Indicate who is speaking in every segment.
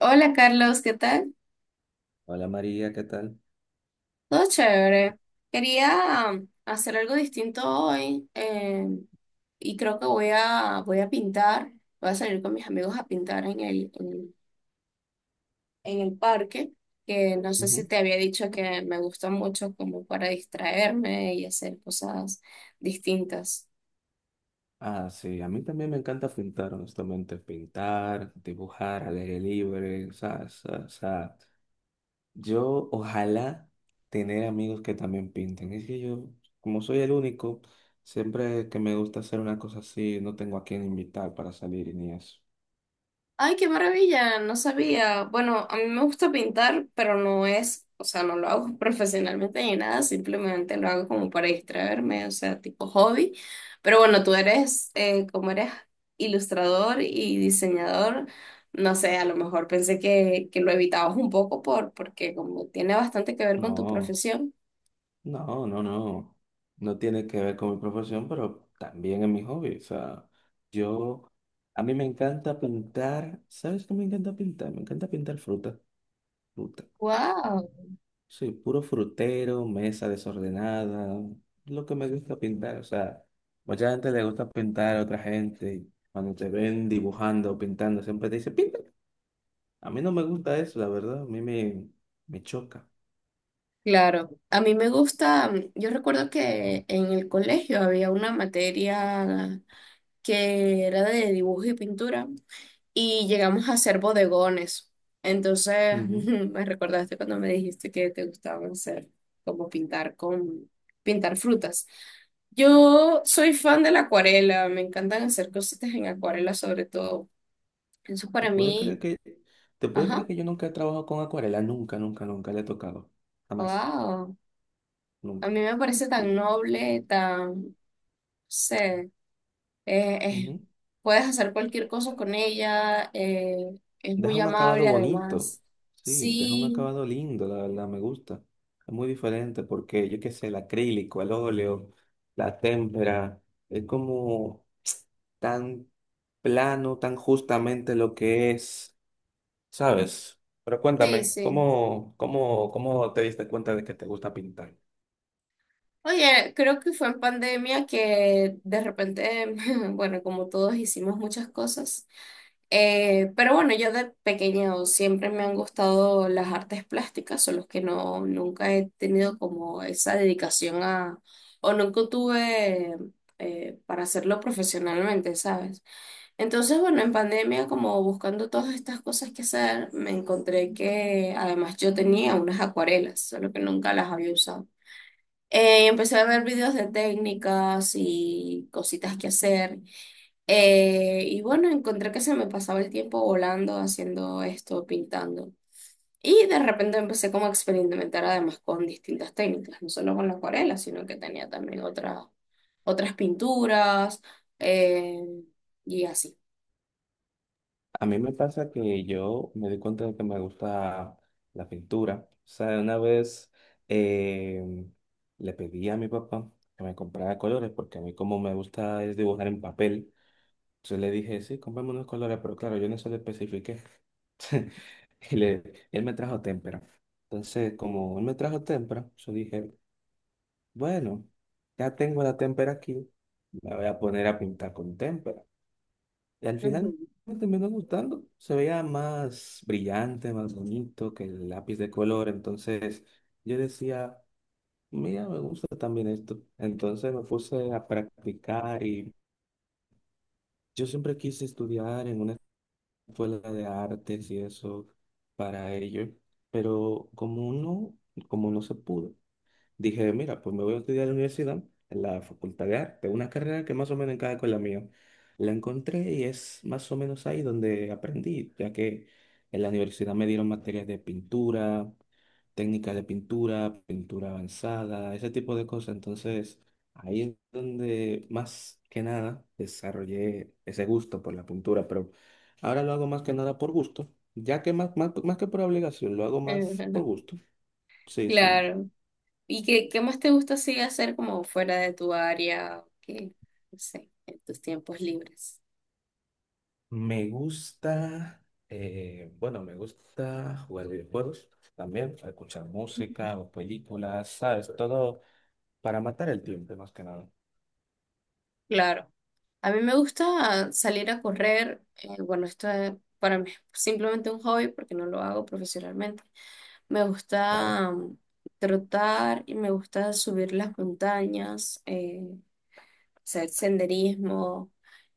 Speaker 1: Hola Carlos, ¿qué tal?
Speaker 2: Hola María, ¿qué tal?
Speaker 1: Todo chévere. Quería hacer algo distinto hoy y creo que voy a pintar. Voy a salir con mis amigos a pintar en el parque, que no sé si
Speaker 2: Ujú.
Speaker 1: te había dicho que me gusta mucho como para distraerme y hacer cosas distintas.
Speaker 2: Ah, sí, a mí también me encanta pintar, honestamente, pintar, dibujar al aire libre, o sea, o yo ojalá tener amigos que también pinten. Es que yo, como soy el único, siempre que me gusta hacer una cosa así, no tengo a quién invitar para salir y ni eso.
Speaker 1: Ay, qué maravilla, no sabía. Bueno, a mí me gusta pintar, pero no es, o sea, no lo hago profesionalmente ni nada, simplemente lo hago como para distraerme, o sea, tipo hobby. Pero bueno, tú eres, como eres ilustrador y diseñador, no sé, a lo mejor pensé que lo evitabas un poco porque como tiene bastante que ver con tu
Speaker 2: No.
Speaker 1: profesión.
Speaker 2: No, no, no. No tiene que ver con mi profesión, pero también es mi hobby. O sea, yo, a mí me encanta pintar. ¿Sabes qué me encanta pintar? Me encanta pintar fruta, fruta.
Speaker 1: Wow,
Speaker 2: Soy puro frutero, mesa desordenada, lo que me gusta pintar. O sea, mucha gente le gusta pintar a otra gente. Cuando te ven dibujando o pintando, siempre te dice, pinta. A mí no me gusta eso, la verdad. Me choca.
Speaker 1: claro. A mí me gusta, yo recuerdo que en el colegio había una materia que era de dibujo y pintura, y llegamos a hacer bodegones. Entonces,
Speaker 2: Ujú.
Speaker 1: me recordaste cuando me dijiste que te gustaba hacer, como pintar frutas. Yo soy fan de la acuarela, me encantan hacer cositas en acuarela sobre todo. Eso
Speaker 2: ¿Te
Speaker 1: para
Speaker 2: puedes creer
Speaker 1: mí,
Speaker 2: que, ¿Te puedes creer
Speaker 1: ajá,
Speaker 2: que yo nunca he trabajado con acuarela? Nunca, nunca, nunca le he tocado. Jamás,
Speaker 1: wow. A
Speaker 2: nunca.
Speaker 1: mí me parece tan
Speaker 2: Y,
Speaker 1: noble, tan, no sé, Eh, eh,
Speaker 2: ujú.
Speaker 1: puedes hacer cualquier cosa con ella, es
Speaker 2: Deja
Speaker 1: muy
Speaker 2: un acabado
Speaker 1: amable
Speaker 2: bonito.
Speaker 1: además.
Speaker 2: Sí, deja un
Speaker 1: Sí,
Speaker 2: acabado lindo, la verdad, me gusta. Es muy diferente porque, yo qué sé, el acrílico, el óleo, la témpera, es como tan plano, tan justamente lo que es, ¿sabes? Pero
Speaker 1: sí,
Speaker 2: cuéntame,
Speaker 1: sí.
Speaker 2: ¿cómo te diste cuenta de que te gusta pintar?
Speaker 1: Oye, creo que fue en pandemia que de repente, bueno, como todos hicimos muchas cosas, pero bueno, yo de pequeño siempre me han gustado las artes plásticas, solo que no, nunca he tenido como esa dedicación a, o nunca tuve para hacerlo profesionalmente, ¿sabes? Entonces, bueno, en pandemia, como buscando todas estas cosas que hacer, me encontré que además yo tenía unas acuarelas, solo que nunca las había usado. Empecé a ver videos de técnicas y cositas que hacer. Y bueno, encontré que se me pasaba el tiempo volando, haciendo esto, pintando. Y de repente empecé como a experimentar además con distintas técnicas, no solo con la acuarela, sino que tenía también otras pinturas eh, y así.
Speaker 2: A mí me pasa que yo me di cuenta de que me gusta la pintura. O sea, una vez eh, le pedí a mi papá que me comprara colores, porque a mí como me gusta es dibujar en papel. Entonces le dije, sí, comprame unos colores, pero claro, yo no eso lo especifiqué. Y le, él me trajo témpera. Entonces, como él me trajo témpera, yo dije, bueno, ya tengo la témpera aquí, me voy a poner a pintar con témpera. Y al
Speaker 1: Ujú.
Speaker 2: final me terminó gustando. Se veía más brillante, más bonito que el lápiz de color. Entonces yo decía, mira, me gusta también esto. Entonces me puse a practicar y yo siempre quise estudiar en una escuela de artes y eso para ello. Pero como no se pudo dije, mira, pues me voy a estudiar a la universidad, en la Facultad de Arte, una carrera que más o menos encaja con la mía. La encontré y es más o menos ahí donde aprendí, ya que en la universidad me dieron materias de pintura, técnicas de pintura, pintura avanzada, ese tipo de cosas. Entonces, ahí es donde más que nada desarrollé ese gusto por la pintura, pero ahora lo hago más que nada por gusto, ya que más que por obligación, lo hago más por
Speaker 1: Ujú,
Speaker 2: gusto. Sí, sí.
Speaker 1: claro. ¿Y qué, qué más te gusta así hacer como fuera de tu área? Qué, no sé, en tus tiempos libres.
Speaker 2: Me gusta, bueno, me gusta jugar videojuegos también, escuchar música o películas, ¿sabes? Todo para matar el tiempo, más que nada,
Speaker 1: Claro. A mí me gusta salir a correr. Bueno, esto es para mí es simplemente un hobby porque no lo hago profesionalmente. Me
Speaker 2: claro.
Speaker 1: gusta trotar y me gusta subir las montañas, hacer senderismo.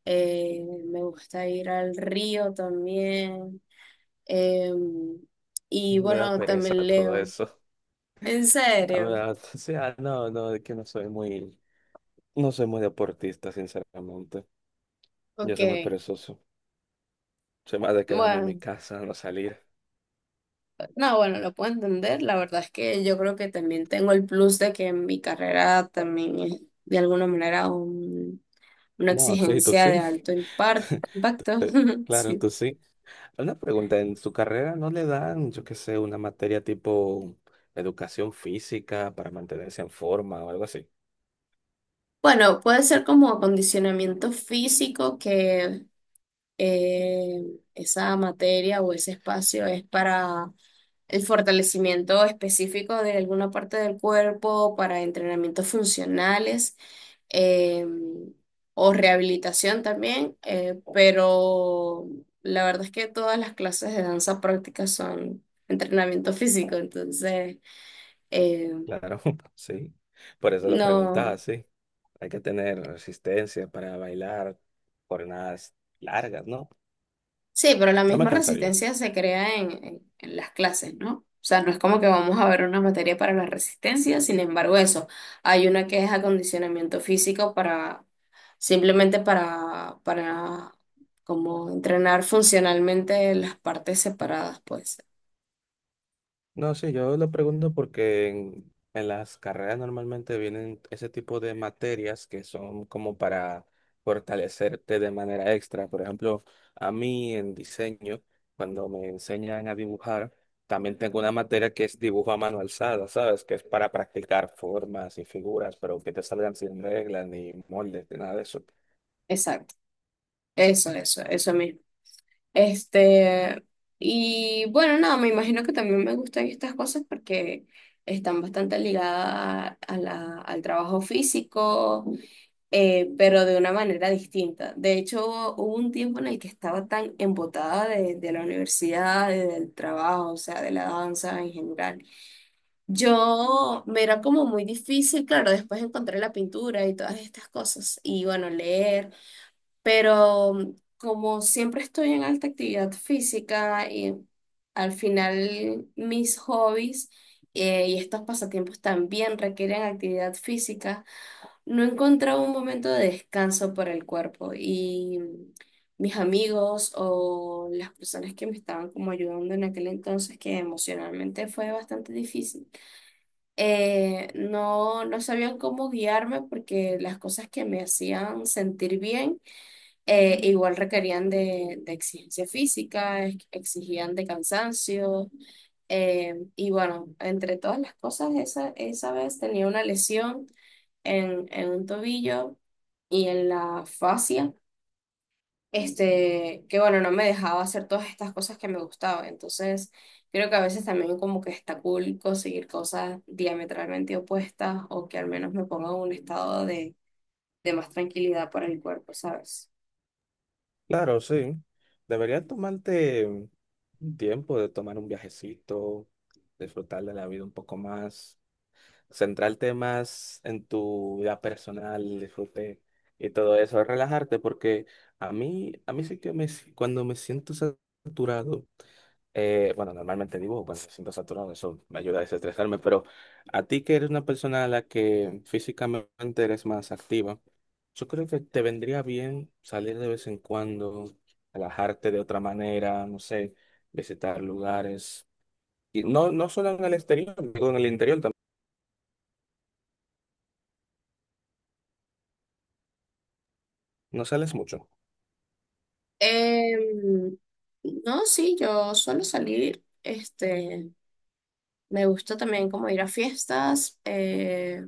Speaker 1: eh, Me gusta ir al río también. Em, y
Speaker 2: Me da
Speaker 1: bueno,
Speaker 2: pereza
Speaker 1: también
Speaker 2: todo
Speaker 1: leo.
Speaker 2: eso.
Speaker 1: ¿En
Speaker 2: A mí me
Speaker 1: serio?
Speaker 2: da- o sea, es que no soy muy, no soy muy deportista, sinceramente. Yo
Speaker 1: Ok.
Speaker 2: soy muy perezoso. Soy más de quedarme en mi
Speaker 1: Bueno,
Speaker 2: casa, no salir.
Speaker 1: no, bueno, lo puedo entender. La verdad es que yo creo que también tengo el plus de que mi carrera también es de alguna manera un- una
Speaker 2: No, sí, tú
Speaker 1: exigencia de
Speaker 2: sí.
Speaker 1: alto impacto.
Speaker 2: Claro,
Speaker 1: Sí.
Speaker 2: tú sí. Una pregunta, ¿en su carrera no le dan, yo qué sé, una materia tipo educación física para mantenerse en forma o algo así?
Speaker 1: Bueno, puede ser como acondicionamiento físico que eh, esa materia o ese espacio es para el fortalecimiento específico de alguna parte del cuerpo para entrenamientos funcionales eh, o rehabilitación también, pero la verdad es que todas las clases de danza práctica son entrenamiento físico, entonces eh,
Speaker 2: Claro, sí. Por eso lo preguntaba,
Speaker 1: no,
Speaker 2: sí. Hay que tener resistencia para bailar jornadas largas, ¿no?
Speaker 1: sí, pero la
Speaker 2: Yo me
Speaker 1: misma
Speaker 2: cansaría.
Speaker 1: resistencia se crea en las clases, ¿no? O sea, no es como que vamos a ver una materia para la resistencia, sin embargo, eso. Hay una que es acondicionamiento físico para simplemente para como entrenar funcionalmente las partes separadas, pues.
Speaker 2: No, sí, yo lo pregunto porque en las carreras normalmente vienen ese tipo de materias que son como para fortalecerte de manera extra. Por ejemplo, a mí en diseño, cuando me enseñan a dibujar, también tengo una materia que es dibujo a mano alzada, ¿sabes? Que es para practicar formas y figuras, pero que te salgan sin reglas, ni moldes, ni nada de eso.
Speaker 1: Exacto, eso mismo. Este, y bueno, nada, me imagino que también me gustan estas cosas porque están bastante ligadas a al trabajo físico, pero de una manera distinta. De hecho, hubo un tiempo en el que estaba tan embotada de la universidad, y del trabajo, o sea, de la danza en general. Yo me era como muy difícil, claro, después encontré la pintura y todas estas cosas, y bueno, leer, pero como siempre estoy en alta actividad física y al final mis hobbies y estos pasatiempos también requieren actividad física, no encontraba un momento de descanso para el cuerpo y mis amigos o las personas que me estaban como ayudando en aquel entonces, que emocionalmente fue bastante difícil no sabían cómo guiarme porque las cosas que me hacían sentir bien igual requerían de exigencia física, exigían de cansancio y bueno, entre todas las cosas, esa vez tenía una lesión en un tobillo y en la fascia este, que bueno, no me dejaba hacer todas estas cosas que me gustaban. Entonces, creo que a veces también como que está cool conseguir cosas diametralmente opuestas o que al menos me pongan en un estado de más tranquilidad para el cuerpo, ¿sabes?
Speaker 2: Claro, sí. Deberías tomarte un tiempo de tomar un viajecito, disfrutar de la vida un poco más centrarte más en tu vida personal, el disfrute y todo eso, relajarte, porque a mí sí que me, si- cuando me siento saturado, bueno, normalmente digo, cuando me siento saturado, eso me ayuda a desestresarme, pero a ti que eres una persona a la que físicamente eres más activa, yo creo que te vendría bien salir de vez en cuando, relajarte de otra manera, no sé, visitar lugares, y no, no solo en el exterior, digo, en el interior también, no sales mucho.
Speaker 1: Em, no, sí, yo suelo salir, este, me gusta también como ir a fiestas,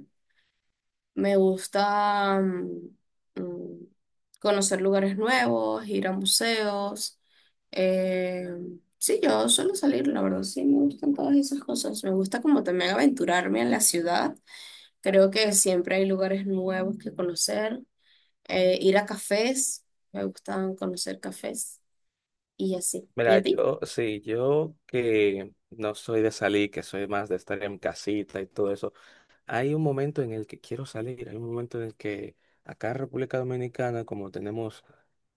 Speaker 1: me gusta mm, conocer lugares nuevos, ir a museos. Eh, sí, yo suelo salir, la verdad, sí, me gustan todas esas cosas. Me gusta como también aventurarme en la ciudad. Creo que siempre hay lugares nuevos que conocer. Ir a cafés, me gustan conocer cafés y así. ¿Y a
Speaker 2: Mira,
Speaker 1: ti?
Speaker 2: yo, sí, yo que no soy de salir, que soy más de estar en casita y todo eso, hay un momento en el que quiero salir, hay un momento en el que acá en República Dominicana, como tenemos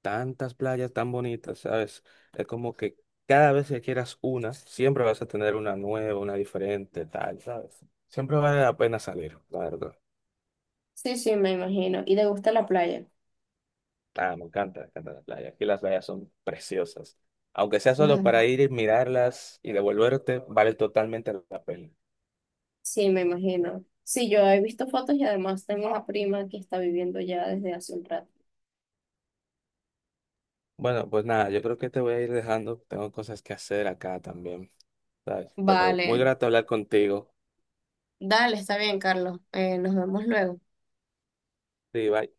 Speaker 2: tantas playas tan bonitas, ¿sabes? Es como que cada vez que quieras una, siempre vas a tener una nueva, una diferente, tal, ¿sabes? Siempre vale la pena salir, la verdad.
Speaker 1: Sí, sí, me imagino. ¿Y te gusta la playa?
Speaker 2: Ah, me encanta la playa. Aquí las playas son preciosas. Aunque sea solo para ir y mirarlas y devolverte, vale totalmente la pena.
Speaker 1: Sí, me imagino. Sí, yo he visto fotos y además tengo una prima que está viviendo ya desde hace un rato.
Speaker 2: Bueno, pues nada, yo creo que te voy a ir dejando. Tengo cosas que hacer acá también, ¿sabes? Pero muy
Speaker 1: Vale,
Speaker 2: grato hablar contigo.
Speaker 1: dale, está bien, Carlos. Nos vemos luego.
Speaker 2: Sí, bye.